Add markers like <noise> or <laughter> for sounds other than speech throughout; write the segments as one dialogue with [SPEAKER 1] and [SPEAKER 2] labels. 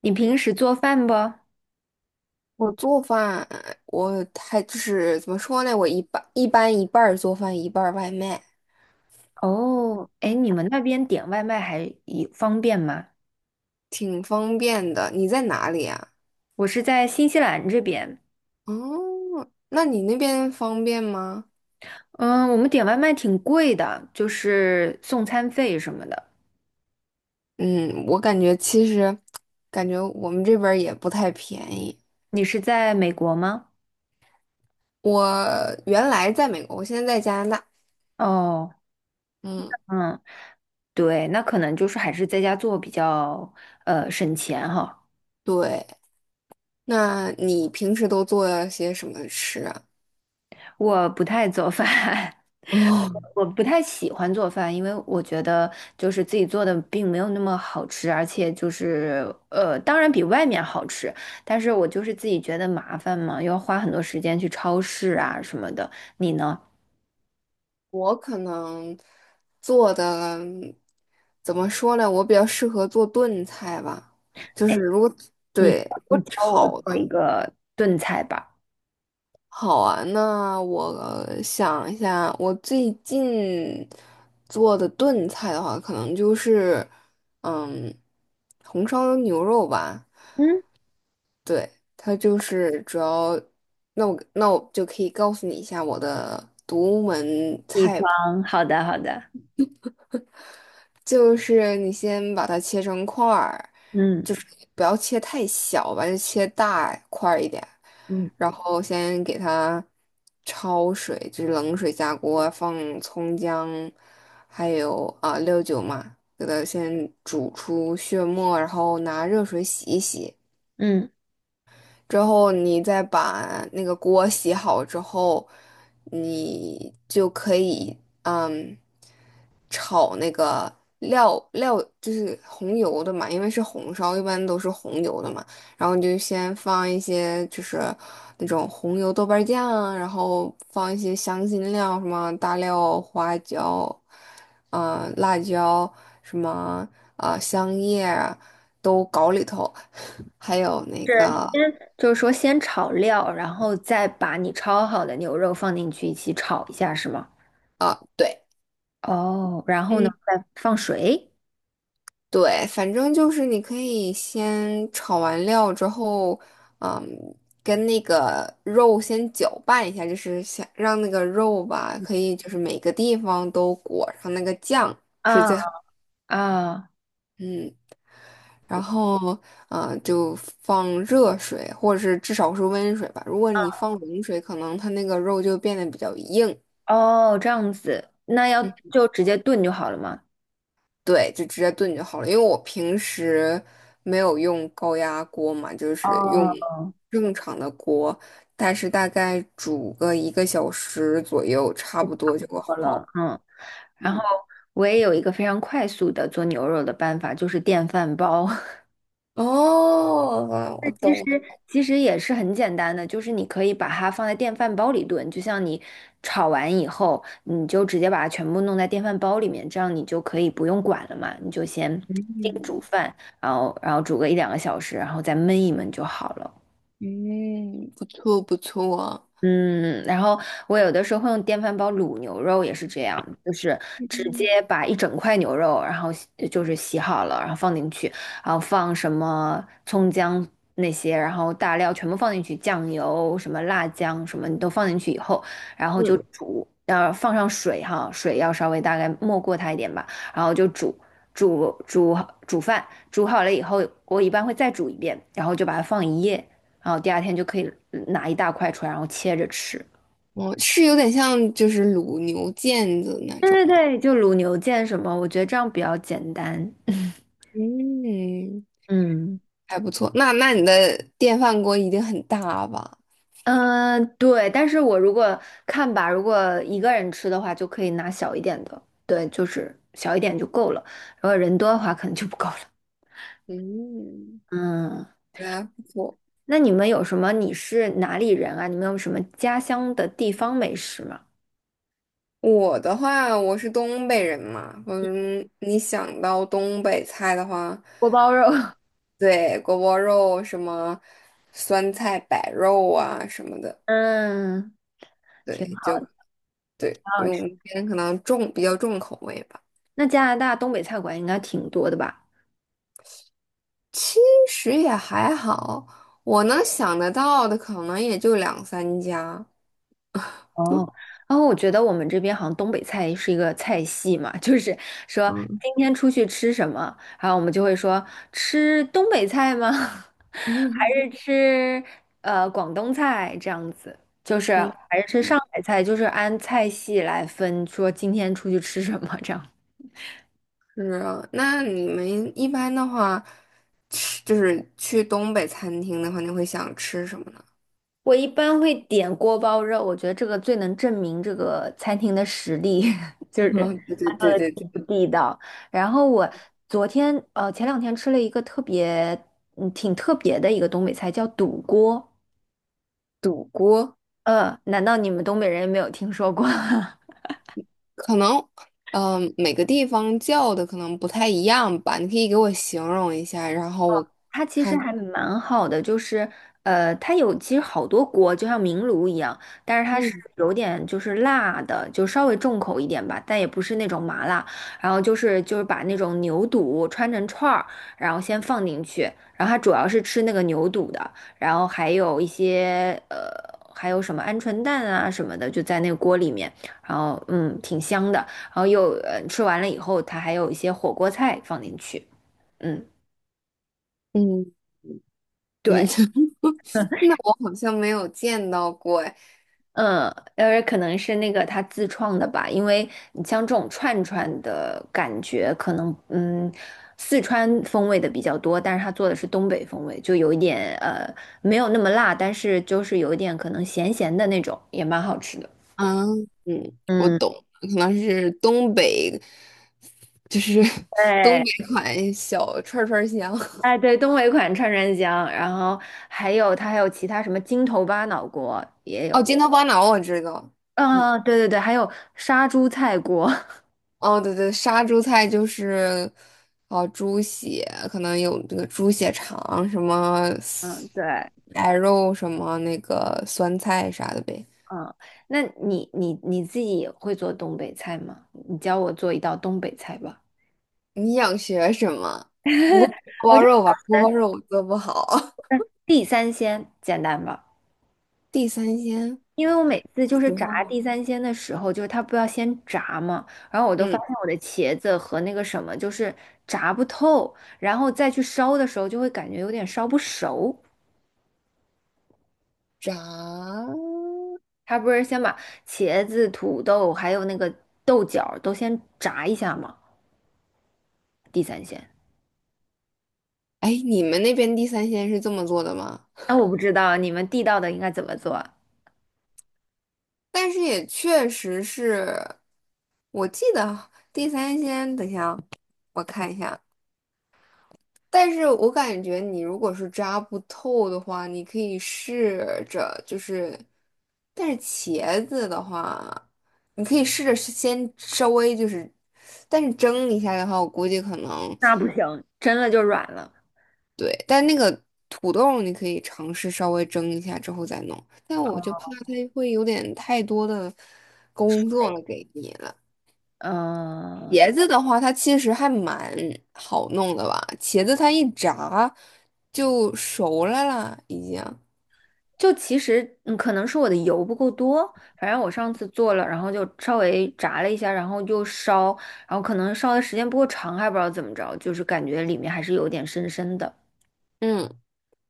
[SPEAKER 1] 你平时做饭不？
[SPEAKER 2] 我做饭，我还就是怎么说呢？我一般一半儿做饭，一半儿外卖，
[SPEAKER 1] 哦，哎，你们那边点外卖还也方便吗？
[SPEAKER 2] 挺方便的。你在哪里啊？
[SPEAKER 1] 我是在新西兰这边。
[SPEAKER 2] 哦，那你那边方便吗？
[SPEAKER 1] 嗯，我们点外卖挺贵的，就是送餐费什么的。
[SPEAKER 2] 嗯，我感觉我们这边儿也不太便宜。
[SPEAKER 1] 你是在美国吗？
[SPEAKER 2] 我原来在美国，我现在在加拿大。
[SPEAKER 1] 哦。
[SPEAKER 2] 嗯，
[SPEAKER 1] 嗯。对，那可能就是还是在家做比较省钱哈。
[SPEAKER 2] 对。那你平时都做些什么吃啊？
[SPEAKER 1] 我不太做饭，<laughs>
[SPEAKER 2] 哦。
[SPEAKER 1] 我不太喜欢做饭，因为我觉得就是自己做的并没有那么好吃，而且就是当然比外面好吃，但是我就是自己觉得麻烦嘛，又要花很多时间去超市啊什么的。你呢？
[SPEAKER 2] 我可能做的怎么说呢？我比较适合做炖菜吧，就
[SPEAKER 1] 哎，
[SPEAKER 2] 是如果
[SPEAKER 1] 你
[SPEAKER 2] 对如
[SPEAKER 1] 你
[SPEAKER 2] 果
[SPEAKER 1] 教我
[SPEAKER 2] 炒的
[SPEAKER 1] 做一个炖菜吧。
[SPEAKER 2] 好啊，那我想一下，我最近做的炖菜的话，可能就是嗯红烧牛肉吧。
[SPEAKER 1] 嗯，
[SPEAKER 2] 对，它就是主要，那我那我就可以告诉你一下我的独门
[SPEAKER 1] 地
[SPEAKER 2] 菜谱。
[SPEAKER 1] 方，好的好的。
[SPEAKER 2] 就是你先把它切成块儿，
[SPEAKER 1] 嗯
[SPEAKER 2] 就是不要切太小吧，就切大块儿一点。
[SPEAKER 1] 嗯
[SPEAKER 2] 然后先给它焯水，就是冷水下锅，放葱姜，还有啊、料酒嘛，给它先煮出血沫，然后拿热水洗一洗。
[SPEAKER 1] 嗯。
[SPEAKER 2] 之后你再把那个锅洗好之后，你就可以嗯炒那个料，就是红油的嘛，因为是红烧，一般都是红油的嘛。然后你就先放一些就是那种红油豆瓣酱啊，然后放一些香辛料，什么大料、花椒，嗯、辣椒，什么啊、香叶啊都搞里头，<laughs> 还有那
[SPEAKER 1] 是
[SPEAKER 2] 个。
[SPEAKER 1] 先就是说先炒料，然后再把你焯好的牛肉放进去一起炒一下，是吗？
[SPEAKER 2] 对。
[SPEAKER 1] 哦，然后呢，
[SPEAKER 2] 嗯，
[SPEAKER 1] 再放水。
[SPEAKER 2] 对，反正就是你可以先炒完料之后，嗯，跟那个肉先搅拌一下，就是想让那个肉吧，可以就是每个地方都裹上那个酱，
[SPEAKER 1] 啊。啊。
[SPEAKER 2] 嗯，然后就放热水，或者是至少是温水吧。如果你放冷水，可能它那个肉就变得比较硬。
[SPEAKER 1] 哦，这样子，那要
[SPEAKER 2] 嗯。
[SPEAKER 1] 就直接炖就好了嘛。
[SPEAKER 2] 对，就直接炖就好了。因为我平时没有用高压锅嘛，就是用
[SPEAKER 1] 哦，
[SPEAKER 2] 正常的锅，但是大概煮个1个小时左右，差不多就
[SPEAKER 1] 好了，
[SPEAKER 2] 好。
[SPEAKER 1] 嗯。然后
[SPEAKER 2] 嗯，
[SPEAKER 1] 我也有一个非常快速的做牛肉的办法，就是电饭煲。<laughs>
[SPEAKER 2] 哦，
[SPEAKER 1] 那
[SPEAKER 2] 我
[SPEAKER 1] 其实
[SPEAKER 2] 懂了。
[SPEAKER 1] 也是很简单的，就是你可以把它放在电饭煲里炖，就像你炒完以后，你就直接把它全部弄在电饭煲里面，这样你就可以不用管了嘛，你就先叮煮饭，然后煮个一两个小时，然后再焖一焖就好了。
[SPEAKER 2] 嗯，不错不错。
[SPEAKER 1] 嗯，然后我有的时候会用电饭煲卤牛肉，也是这样，就是直
[SPEAKER 2] 嗯
[SPEAKER 1] 接把一整块牛肉，然后洗就是洗好了，然后放进去，然后放什么葱姜那些，然后大料全部放进去，酱油、什么辣酱什么你都放进去以后，然后就
[SPEAKER 2] 嗯，
[SPEAKER 1] 煮，放上水哈，水要稍微大概没过它一点吧，然后就煮。煮煮煮饭，煮好了以后，我一般会再煮一遍，然后就把它放一夜，然后第二天就可以拿一大块出来，然后切着吃。
[SPEAKER 2] 哦，是有点像就是卤牛腱子那
[SPEAKER 1] 对
[SPEAKER 2] 种
[SPEAKER 1] 对
[SPEAKER 2] 吗。
[SPEAKER 1] 对，就卤牛腱什么，我觉得这样比较简单。<laughs>
[SPEAKER 2] 嗯，
[SPEAKER 1] 嗯。
[SPEAKER 2] 还不错。那那你的电饭锅一定很大吧？
[SPEAKER 1] 嗯，对，但是我如果看吧，如果一个人吃的话，就可以拿小一点的，对，就是小一点就够了。如果人多的话，可能就不够了。
[SPEAKER 2] 嗯，
[SPEAKER 1] 嗯。
[SPEAKER 2] 对啊，不错。
[SPEAKER 1] 那你们有什么？你是哪里人啊？你们有什么家乡的地方美食吗？
[SPEAKER 2] 我的话，我是东北人嘛，嗯，你想到东北菜的话，
[SPEAKER 1] 锅包肉，<laughs>
[SPEAKER 2] 对，锅包肉什么酸菜白肉啊什么的，
[SPEAKER 1] 嗯，挺
[SPEAKER 2] 对，就
[SPEAKER 1] 好，的，挺
[SPEAKER 2] 对，因
[SPEAKER 1] 好
[SPEAKER 2] 为我
[SPEAKER 1] 吃。
[SPEAKER 2] 们这边可能比较重口味吧。
[SPEAKER 1] 那加拿大东北菜馆应该挺多的吧？
[SPEAKER 2] 其实也还好，我能想得到的可能也就两三家。
[SPEAKER 1] 哦，
[SPEAKER 2] 嗯
[SPEAKER 1] 然后我觉得我们这边好像东北菜是一个菜系嘛，就是说
[SPEAKER 2] 嗯
[SPEAKER 1] 今天出去吃什么，然后我们就会说吃东北菜吗？<laughs> 还
[SPEAKER 2] 嗯
[SPEAKER 1] 是吃广东菜这样子？就是
[SPEAKER 2] <laughs> 嗯，
[SPEAKER 1] 还是吃上
[SPEAKER 2] 嗯
[SPEAKER 1] 海菜，就是按菜系来分，说今天出去吃什么这样。
[SPEAKER 2] 是啊。那你们一般的话，吃就是去东北餐厅的话，你会想吃什么呢？
[SPEAKER 1] 我一般会点锅包肉，我觉得这个最能证明这个餐厅的实力，<laughs> 就是
[SPEAKER 2] 嗯，对对
[SPEAKER 1] 它做
[SPEAKER 2] 对
[SPEAKER 1] 的
[SPEAKER 2] 对
[SPEAKER 1] 地
[SPEAKER 2] 对，
[SPEAKER 1] 不地道。然后我前两天吃了一个特别嗯挺特别的一个东北菜，叫肚锅。
[SPEAKER 2] 赌锅
[SPEAKER 1] 呃，难道你们东北人没有听说过？<laughs>
[SPEAKER 2] 可能，嗯、每个地方叫的可能不太一样吧。你可以给我形容一下，然后我，
[SPEAKER 1] 它其实还蛮好的，就是它有其实好多锅，就像明炉一样，但是它是
[SPEAKER 2] 嗯
[SPEAKER 1] 有点就是辣的，就稍微重口一点吧，但也不是那种麻辣。然后就是把那种牛肚穿成串儿，然后先放进去，然后它主要是吃那个牛肚的，然后还有一些还有什么鹌鹑蛋啊什么的，就在那个锅里面，然后嗯，挺香的。然后又吃完了以后，它还有一些火锅菜放进去。嗯。
[SPEAKER 2] 嗯嗯，
[SPEAKER 1] 对。
[SPEAKER 2] <laughs> 那我好像没有见到过哎。
[SPEAKER 1] 嗯，可能是那个他自创的吧，因为你像这种串串的感觉，可能,四川风味的比较多，但是他做的是东北风味，就有一点没有那么辣，但是就是有一点可能咸咸的那种，也蛮好吃的。
[SPEAKER 2] 嗯嗯，我
[SPEAKER 1] 嗯，
[SPEAKER 2] 懂了可能是东北，就是 <laughs> 东
[SPEAKER 1] 对，
[SPEAKER 2] 北款小串儿香。
[SPEAKER 1] 哎对，东北款串串香，然后还有它还有其他什么筋头巴脑锅也
[SPEAKER 2] <laughs> 哦，
[SPEAKER 1] 有。
[SPEAKER 2] 筋头巴脑我知道。嗯。
[SPEAKER 1] 嗯，对对对，还有杀猪菜锅。
[SPEAKER 2] 哦，对对，杀猪菜就是哦，猪血可能有这个猪血肠什么
[SPEAKER 1] <laughs> 嗯，对。
[SPEAKER 2] 白肉什么那个酸菜啥的呗。
[SPEAKER 1] 嗯，那你自己也会做东北菜吗？你教我做一道东北菜吧。
[SPEAKER 2] 你想学什么？不会
[SPEAKER 1] <laughs>
[SPEAKER 2] 是锅
[SPEAKER 1] 我
[SPEAKER 2] 包
[SPEAKER 1] 就
[SPEAKER 2] 肉吧？锅
[SPEAKER 1] 想
[SPEAKER 2] 包
[SPEAKER 1] 着
[SPEAKER 2] 肉我做不好。<laughs>
[SPEAKER 1] 地三鲜简单吧，
[SPEAKER 2] 地三鲜，
[SPEAKER 1] 因为我每次就是
[SPEAKER 2] 说实
[SPEAKER 1] 炸
[SPEAKER 2] 话，
[SPEAKER 1] 地三鲜的时候，就是它不要先炸嘛，然后我都发
[SPEAKER 2] 嗯，
[SPEAKER 1] 现我的茄子和那个什么炸不透，然后再去烧的时候就会感觉有点烧不熟。
[SPEAKER 2] 炸。
[SPEAKER 1] 它不是先把茄子、土豆还有那个豆角儿都先炸一下吗？地三鲜。
[SPEAKER 2] 哎，你们那边地三鲜是这么做的吗？
[SPEAKER 1] 那我不知道你们地道的应该怎么做啊。
[SPEAKER 2] 但是也确实是我记得地三鲜，等一下啊，我看一下。但是我感觉你如果是扎不透的话，你可以试着就是，但是茄子的话，你可以试着是先稍微就是，但是蒸一下的话，我估计可能
[SPEAKER 1] 那不行，真的就软了。
[SPEAKER 2] 对，但那个土豆你可以尝试稍微蒸一下之后再弄，但我就怕它会有点太多的工作了给你了。茄
[SPEAKER 1] 嗯、
[SPEAKER 2] 子的话，它其实还蛮好弄的吧？茄子它一炸就熟了啦，已经。
[SPEAKER 1] 其实嗯，可能是我的油不够多，反正我上次做了，然后就稍微炸了一下，然后就烧，然后可能烧的时间不够长，还不知道怎么着，就是感觉里面还是有点深深的，
[SPEAKER 2] 嗯，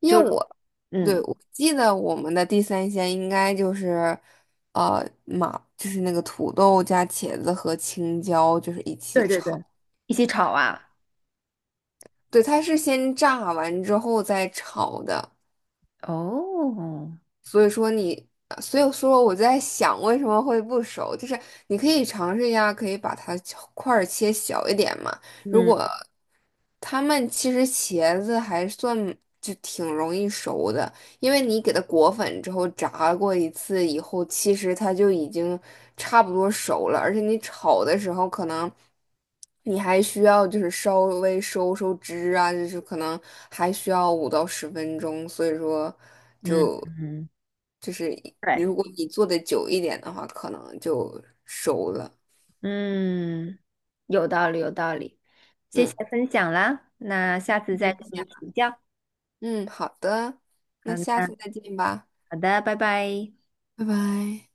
[SPEAKER 2] 因
[SPEAKER 1] 就
[SPEAKER 2] 为我对
[SPEAKER 1] 嗯，
[SPEAKER 2] 我记得我们的地三鲜应该就是，就是那个土豆加茄子和青椒，就是一起
[SPEAKER 1] 对对对，
[SPEAKER 2] 炒。
[SPEAKER 1] 一起炒啊。
[SPEAKER 2] 对，它是先炸完之后再炒的。
[SPEAKER 1] 哦，
[SPEAKER 2] 所以说你，所以说我在想为什么会不熟，就是你可以尝试一下，可以把它切块儿切小一点嘛。如
[SPEAKER 1] 嗯
[SPEAKER 2] 果他们其实茄子还算就挺容易熟的，因为你给它裹粉之后炸过一次以后，其实它就已经差不多熟了，而且你炒的时候可能。你还需要就是稍微收收汁啊，就是可能还需要5到10分钟，所以说。
[SPEAKER 1] 嗯
[SPEAKER 2] 就
[SPEAKER 1] 嗯
[SPEAKER 2] 就是
[SPEAKER 1] 对。
[SPEAKER 2] 如果你做的久一点的话，可能就熟了。
[SPEAKER 1] 嗯，有道理，有道理，谢谢
[SPEAKER 2] 嗯，
[SPEAKER 1] 分享啦，那下次
[SPEAKER 2] 没
[SPEAKER 1] 再
[SPEAKER 2] 关
[SPEAKER 1] 跟
[SPEAKER 2] 系
[SPEAKER 1] 你
[SPEAKER 2] 啊
[SPEAKER 1] 请教。
[SPEAKER 2] 嗯，好的，那
[SPEAKER 1] 嗯，
[SPEAKER 2] 下
[SPEAKER 1] 那
[SPEAKER 2] 次再见吧，
[SPEAKER 1] 好的，拜拜。
[SPEAKER 2] 拜拜。